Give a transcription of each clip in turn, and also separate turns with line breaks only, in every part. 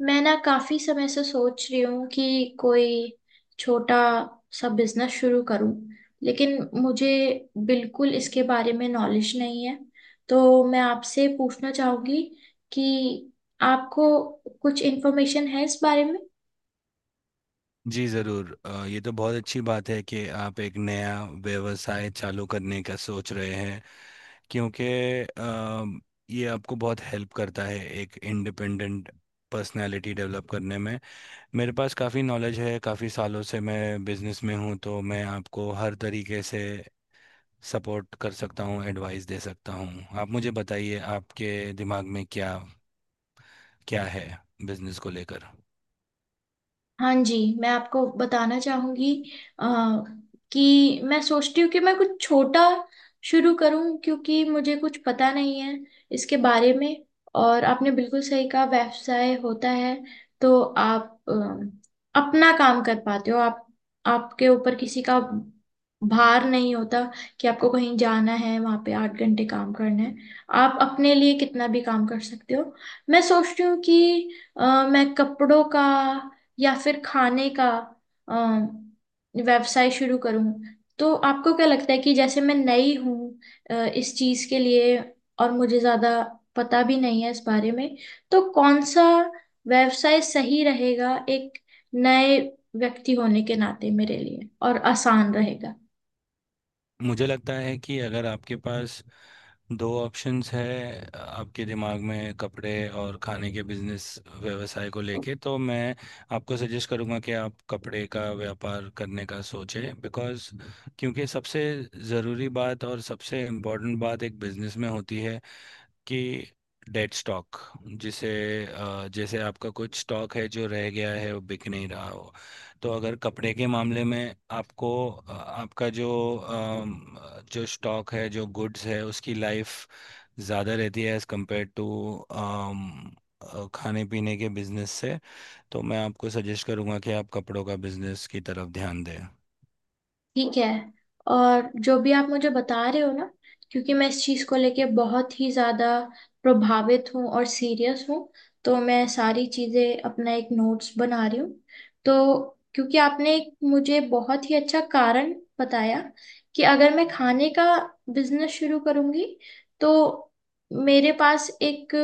मैं ना काफी समय से सोच रही हूँ कि कोई छोटा सा बिजनेस शुरू करूँ, लेकिन मुझे बिल्कुल इसके बारे में नॉलेज नहीं है। तो मैं आपसे पूछना चाहूंगी कि आपको कुछ इन्फॉर्मेशन है इस बारे में।
जी ज़रूर ये तो बहुत अच्छी बात है कि आप एक नया व्यवसाय चालू करने का सोच रहे हैं। क्योंकि अम, ये आपको बहुत हेल्प करता है एक इंडिपेंडेंट पर्सनालिटी डेवलप करने में। मेरे पास काफ़ी नॉलेज है, काफ़ी सालों से मैं बिजनेस में हूँ, तो मैं आपको हर तरीके से सपोर्ट कर सकता हूँ, एडवाइस दे सकता हूँ। आप मुझे बताइए आपके दिमाग में क्या क्या है बिजनेस को लेकर।
हाँ जी, मैं आपको बताना चाहूंगी अ, कि मैं सोचती हूँ कि मैं कुछ छोटा शुरू करूँ, क्योंकि मुझे कुछ पता नहीं है इसके बारे में। और आपने बिल्कुल सही कहा, व्यवसाय होता है तो आप अपना काम कर पाते हो। आप, आपके ऊपर किसी का भार नहीं होता कि आपको कहीं जाना है, वहां पे 8 घंटे काम करना है। आप अपने लिए कितना भी काम कर सकते हो। मैं सोचती हूँ कि अ, मैं कपड़ों का या फिर खाने का अम, व्यवसाय शुरू करूं। तो आपको क्या लगता है कि जैसे मैं नई हूं इस चीज के लिए, और मुझे ज्यादा पता भी नहीं है इस बारे में, तो कौन सा व्यवसाय सही रहेगा एक नए व्यक्ति होने के नाते मेरे लिए और आसान रहेगा।
मुझे लगता है कि अगर आपके पास दो ऑप्शंस है आपके दिमाग में, कपड़े और खाने के बिजनेस व्यवसाय को लेके, तो मैं आपको सजेस्ट करूंगा कि आप कपड़े का व्यापार करने का सोचें। बिकॉज क्योंकि सबसे ज़रूरी बात और सबसे इम्पोर्टेंट बात एक बिजनेस में होती है कि डेड स्टॉक, जिसे जैसे आपका कुछ स्टॉक है जो रह गया है, वो बिक नहीं रहा हो। तो अगर कपड़े के मामले में आपको आपका जो अम, जो स्टॉक है जो गुड्स है उसकी लाइफ ज़्यादा रहती है एज़ कम्पेयर टू खाने पीने के बिजनेस से। तो मैं आपको सजेस्ट करूंगा कि आप कपड़ों का बिजनेस की तरफ ध्यान दें।
ठीक है। और जो भी आप मुझे बता रहे हो ना, क्योंकि मैं इस चीज़ को लेके बहुत ही ज़्यादा प्रभावित हूँ और सीरियस हूँ, तो मैं सारी चीज़ें अपना एक नोट्स बना रही हूँ। तो क्योंकि आपने एक मुझे बहुत ही अच्छा कारण बताया कि अगर मैं खाने का बिजनेस शुरू करूँगी, तो मेरे पास एक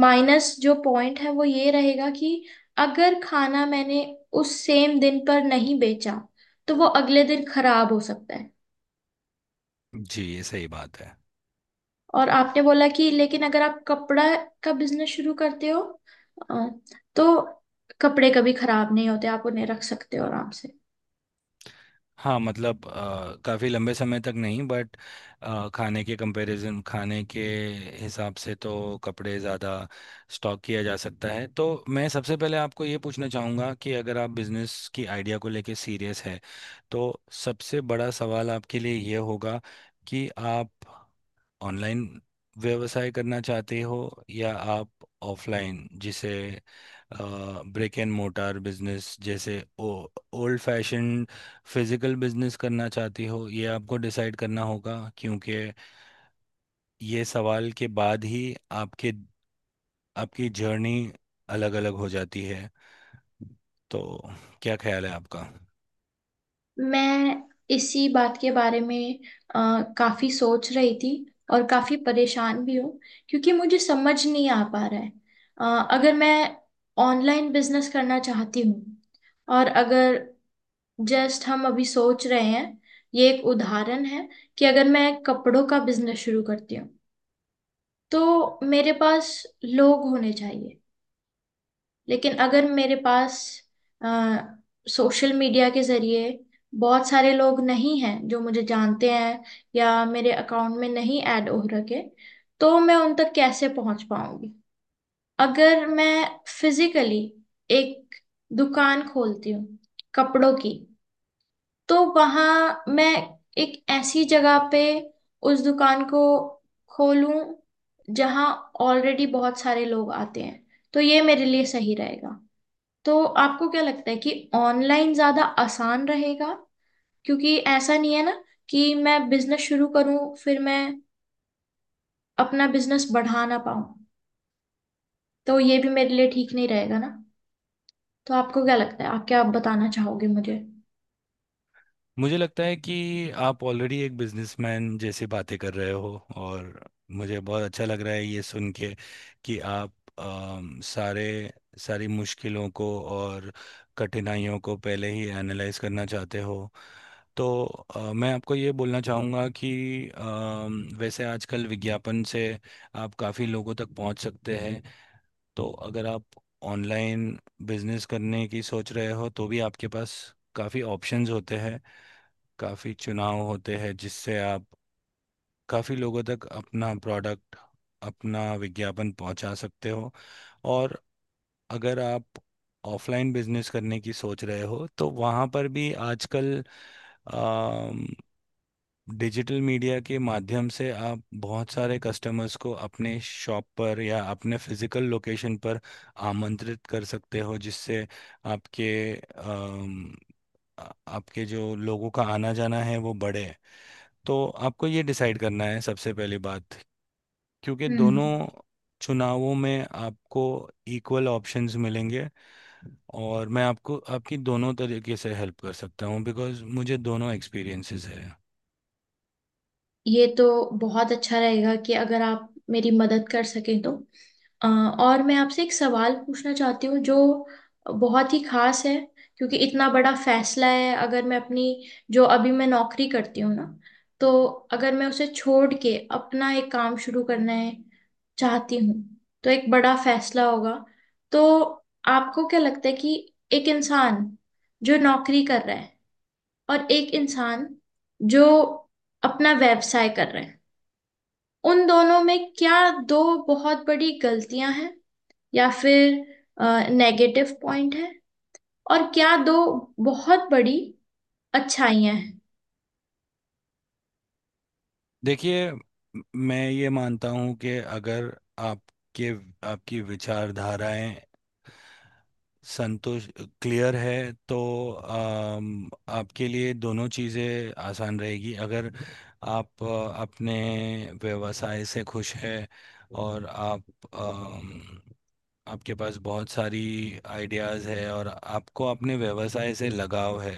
माइनस जो पॉइंट है वो ये रहेगा कि अगर खाना मैंने उस सेम दिन पर नहीं बेचा तो वो अगले दिन खराब हो सकता है।
जी, ये सही बात है।
और आपने बोला कि लेकिन अगर आप कपड़ा का बिजनेस शुरू करते हो, अ, तो कपड़े कभी खराब नहीं होते, आप उन्हें रख सकते हो आराम से।
हाँ, मतलब काफ़ी लंबे समय तक नहीं, बट खाने के कंपैरिजन, खाने के हिसाब से तो कपड़े ज़्यादा स्टॉक किया जा सकता है। तो मैं सबसे पहले आपको ये पूछना चाहूँगा कि अगर आप बिजनेस की आइडिया को लेके सीरियस है, तो सबसे बड़ा सवाल आपके लिए ये होगा कि आप ऑनलाइन व्यवसाय करना चाहते हो, या आप ऑफलाइन, जिसे ब्रिक एंड मोटार बिजनेस, जैसे ओ ओल्ड फैशन फिजिकल बिजनेस करना चाहते हो। ये आपको डिसाइड करना होगा क्योंकि ये सवाल के बाद ही आपके आपकी जर्नी अलग-अलग हो जाती है। तो क्या ख्याल है आपका?
मैं इसी बात के बारे में काफी सोच रही थी और काफी परेशान भी हूँ, क्योंकि मुझे समझ नहीं आ पा रहा है। अगर मैं ऑनलाइन बिजनेस करना चाहती हूँ, और अगर, जस्ट हम अभी सोच रहे हैं, ये एक उदाहरण है, कि अगर मैं कपड़ों का बिजनेस शुरू करती हूँ, तो मेरे पास लोग होने चाहिए। लेकिन अगर मेरे पास सोशल मीडिया के जरिए बहुत सारे लोग नहीं हैं जो मुझे जानते हैं या मेरे अकाउंट में नहीं ऐड हो रखे, तो मैं उन तक कैसे पहुंच पाऊंगी। अगर मैं फिजिकली एक दुकान खोलती हूँ कपड़ों की, तो वहां मैं एक ऐसी जगह पे उस दुकान को खोलूं जहां ऑलरेडी बहुत सारे लोग आते हैं, तो ये मेरे लिए सही रहेगा। तो आपको क्या लगता है कि ऑनलाइन ज्यादा आसान रहेगा? क्योंकि ऐसा नहीं है ना कि मैं बिजनेस शुरू करूं फिर मैं अपना बिजनेस बढ़ा ना पाऊं, तो ये भी मेरे लिए ठीक नहीं रहेगा ना। तो आपको क्या लगता है, आप क्या बताना चाहोगे मुझे?
मुझे लगता है कि आप ऑलरेडी एक बिजनेसमैन जैसे बातें कर रहे हो, और मुझे बहुत अच्छा लग रहा है ये सुन के कि आप अम, सारे सारी मुश्किलों को और कठिनाइयों को पहले ही एनालाइज करना चाहते हो। तो मैं आपको ये बोलना चाहूँगा कि वैसे आजकल विज्ञापन से आप काफ़ी लोगों तक पहुँच सकते हैं। तो अगर आप ऑनलाइन बिजनेस करने की सोच रहे हो, तो भी आपके पास काफ़ी ऑप्शंस होते हैं, काफ़ी चुनाव होते हैं, जिससे आप काफ़ी लोगों तक अपना प्रोडक्ट, अपना विज्ञापन पहुंचा सकते हो। और अगर आप ऑफलाइन बिजनेस करने की सोच रहे हो, तो वहाँ पर भी आजकल अम, डिजिटल मीडिया के माध्यम से आप बहुत सारे कस्टमर्स को अपने शॉप पर या अपने फिजिकल लोकेशन पर आमंत्रित कर सकते हो, जिससे आपके आपके जो लोगों का आना जाना है वो बढ़े। तो आपको ये डिसाइड करना है सबसे पहली बात, क्योंकि दोनों
हम्म।
चुनावों में आपको इक्वल ऑप्शंस मिलेंगे, और मैं आपको आपकी दोनों तरीके से हेल्प कर सकता हूँ बिकॉज मुझे दोनों एक्सपीरियंसेस है।
ये तो बहुत अच्छा रहेगा कि अगर आप मेरी मदद कर सकें तो। अ, और मैं आपसे एक सवाल पूछना चाहती हूँ जो बहुत ही खास है। क्योंकि इतना बड़ा फैसला है, अगर मैं अपनी जो अभी मैं नौकरी करती हूँ ना, तो अगर मैं उसे छोड़ के अपना एक काम शुरू करना है, चाहती हूँ, तो एक बड़ा फैसला होगा। तो आपको क्या लगता है कि एक इंसान जो नौकरी कर रहा है, और एक इंसान जो अपना व्यवसाय कर रहे हैं, उन दोनों में क्या दो बहुत बड़ी गलतियां हैं या फिर नेगेटिव पॉइंट है, और क्या दो बहुत बड़ी अच्छाइयां हैं?
देखिए, मैं ये मानता हूँ कि अगर आपके आपकी विचारधाराएं, संतोष क्लियर है, तो आपके लिए दोनों चीज़ें आसान रहेगी। अगर आप अपने व्यवसाय से खुश हैं और आप अम, आपके पास बहुत सारी आइडियाज़ है और आपको अपने व्यवसाय से लगाव है,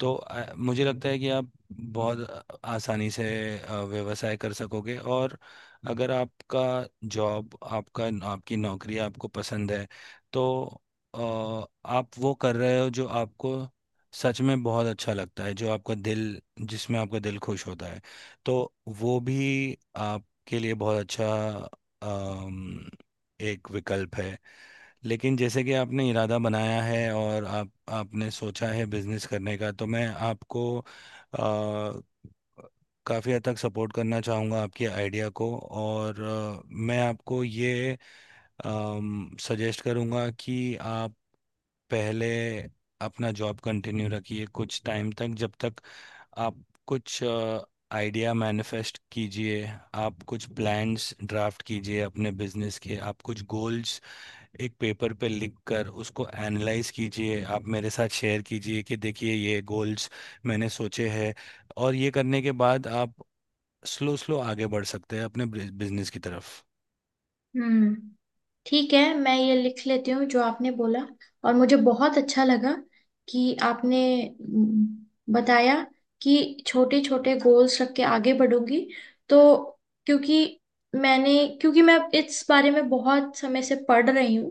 तो मुझे लगता है कि आप बहुत आसानी से व्यवसाय कर सकोगे। और अगर आपका जॉब आपका आपकी नौकरी आपको पसंद है, तो अ, आप वो कर रहे हो जो आपको सच में बहुत अच्छा लगता है, जो आपका दिल जिसमें आपका दिल खुश होता है, तो वो भी आपके लिए बहुत अच्छा अम, एक विकल्प है। लेकिन जैसे कि आपने इरादा बनाया है और आप आपने सोचा है बिजनेस करने का, तो मैं आपको काफ़ी हद तक सपोर्ट करना चाहूँगा आपके आइडिया को। और मैं आपको ये सजेस्ट करूँगा कि आप पहले अपना जॉब कंटिन्यू रखिए कुछ टाइम तक, जब तक आप कुछ आइडिया मैनिफेस्ट कीजिए। आप कुछ प्लान्स ड्राफ्ट कीजिए अपने बिजनेस के, आप कुछ गोल्स एक पेपर पे लिख कर उसको एनालाइज कीजिए, आप मेरे साथ शेयर कीजिए कि देखिए ये गोल्स मैंने सोचे हैं। और ये करने के बाद आप स्लो स्लो आगे बढ़ सकते हैं अपने बिजनेस की तरफ।
हम्म। ठीक है, मैं ये लिख लेती हूँ जो आपने बोला। और मुझे बहुत अच्छा लगा कि आपने, बताया कि छोटे छोटे गोल्स रख के आगे बढ़ूंगी। तो क्योंकि मैंने क्योंकि मैं इस बारे में बहुत समय से पढ़ रही हूँ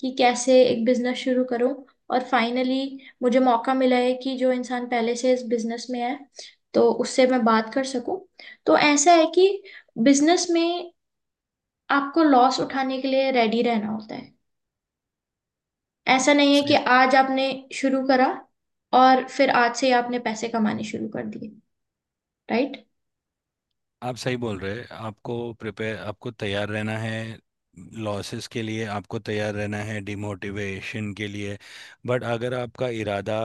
कि कैसे एक बिजनेस शुरू करूँ, और फाइनली मुझे मौका मिला है कि जो इंसान पहले से इस बिजनेस में है तो उससे मैं बात कर सकूं। तो ऐसा है कि बिजनेस में आपको लॉस उठाने के लिए रेडी रहना होता है। ऐसा नहीं है कि
सही।
आज आपने शुरू करा और फिर आज से ही आपने पैसे कमाने शुरू कर दिए, राइट?
आप सही बोल रहे हैं, आपको प्रिपेयर, आपको तैयार रहना है लॉसेस के लिए, आपको तैयार रहना है डिमोटिवेशन के लिए। बट अगर आपका इरादा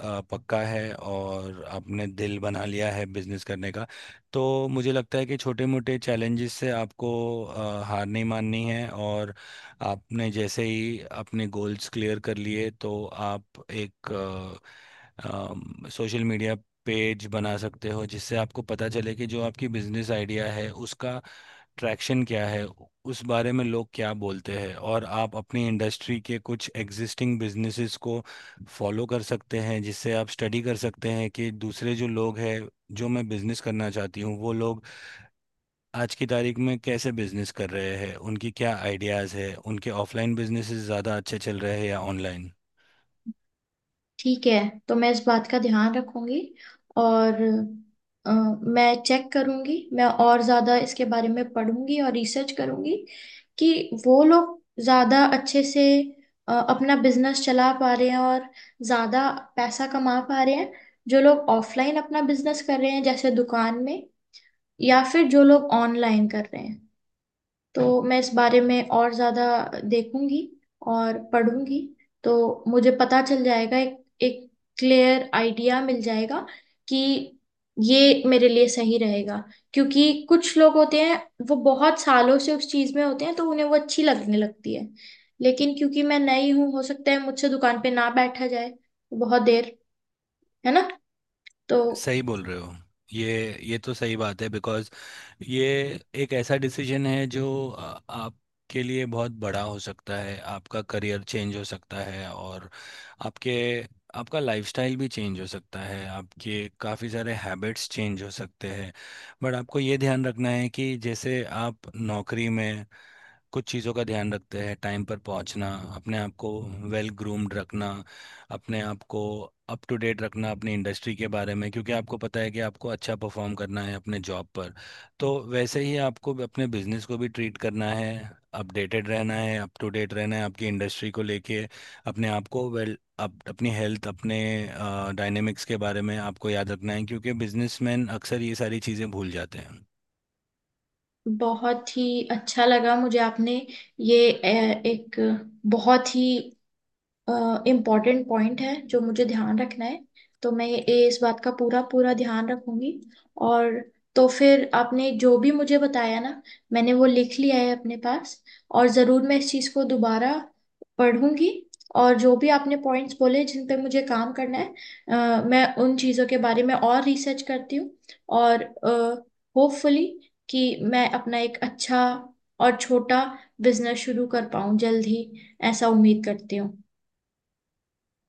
पक्का है और आपने दिल बना लिया है बिजनेस करने का, तो मुझे लगता है कि छोटे मोटे चैलेंजेस से आपको हार नहीं माननी है। और आपने जैसे ही अपने गोल्स क्लियर कर लिए, तो आप एक सोशल मीडिया पेज बना सकते हो, जिससे आपको पता चले कि जो आपकी बिजनेस आइडिया है उसका ट्रैक्शन क्या है, उस बारे में लोग क्या बोलते हैं। और आप अपनी इंडस्ट्री के कुछ एग्जिस्टिंग बिजनेसेस को फॉलो कर सकते हैं, जिससे आप स्टडी कर सकते हैं कि दूसरे जो लोग हैं, जो मैं बिजनेस करना चाहती हूँ वो लोग आज की तारीख में कैसे बिजनेस कर रहे हैं, उनकी क्या आइडियाज़ है, उनके ऑफलाइन बिजनेसेस ज़्यादा अच्छे चल रहे हैं या ऑनलाइन।
ठीक है, तो मैं इस बात का ध्यान रखूंगी। और अ, मैं चेक करूंगी, मैं और ज़्यादा इसके बारे में पढ़ूंगी और रिसर्च करूंगी कि वो लोग ज़्यादा अच्छे से अपना बिजनेस चला पा रहे हैं और ज़्यादा पैसा कमा पा रहे हैं, जो लोग ऑफलाइन अपना बिजनेस कर रहे हैं जैसे दुकान में, या फिर जो लोग ऑनलाइन कर रहे हैं। तो मैं इस बारे में और ज्यादा देखूंगी और पढ़ूंगी, तो मुझे पता चल जाएगा, एक एक क्लियर आइडिया मिल जाएगा कि ये मेरे लिए सही रहेगा। क्योंकि कुछ लोग होते हैं वो बहुत सालों से उस चीज में होते हैं तो उन्हें वो अच्छी लगने लगती है, लेकिन क्योंकि मैं नई हूँ हो सकता है मुझसे दुकान पे ना बैठा जाए बहुत देर, है ना? तो
सही बोल रहे हो, ये तो सही बात है। बिकॉज ये एक ऐसा डिसीजन है जो आपके लिए बहुत बड़ा हो सकता है, आपका करियर चेंज हो सकता है, और आपके आपका लाइफस्टाइल भी चेंज हो सकता है, आपके काफ़ी सारे हैबिट्स चेंज हो सकते हैं। बट आपको ये ध्यान रखना है कि जैसे आप नौकरी में कुछ चीज़ों का ध्यान रखते हैं, टाइम पर पहुंचना, अपने आप को वेल ग्रूम्ड रखना, अपने आप को अप टू डेट रखना अपनी इंडस्ट्री के बारे में, क्योंकि आपको पता है कि आपको अच्छा परफॉर्म करना है अपने जॉब पर, तो वैसे ही आपको भी अपने बिजनेस को भी ट्रीट करना है। अपडेटेड रहना है, अप टू डेट रहना है आपकी इंडस्ट्री को लेके, अपने आप को वेल अप, अपनी हेल्थ, अपने डायनेमिक्स के बारे में आपको याद रखना है, क्योंकि बिजनेसमैन अक्सर ये सारी चीज़ें भूल जाते हैं।
बहुत ही अच्छा लगा मुझे, आपने ये एक बहुत ही इम्पोर्टेंट पॉइंट है जो मुझे ध्यान रखना है। तो मैं ये इस बात का पूरा पूरा ध्यान रखूंगी। और तो फिर आपने जो भी मुझे बताया ना, मैंने वो लिख लिया है अपने पास। और ज़रूर मैं इस चीज़ को दोबारा पढ़ूंगी, और जो भी आपने पॉइंट्स बोले जिन पे मुझे काम करना है, मैं उन चीज़ों के बारे में और रिसर्च करती हूँ। और होपफुली कि मैं अपना एक अच्छा और छोटा बिजनेस शुरू कर पाऊँ जल्द ही, ऐसा उम्मीद करती हूँ।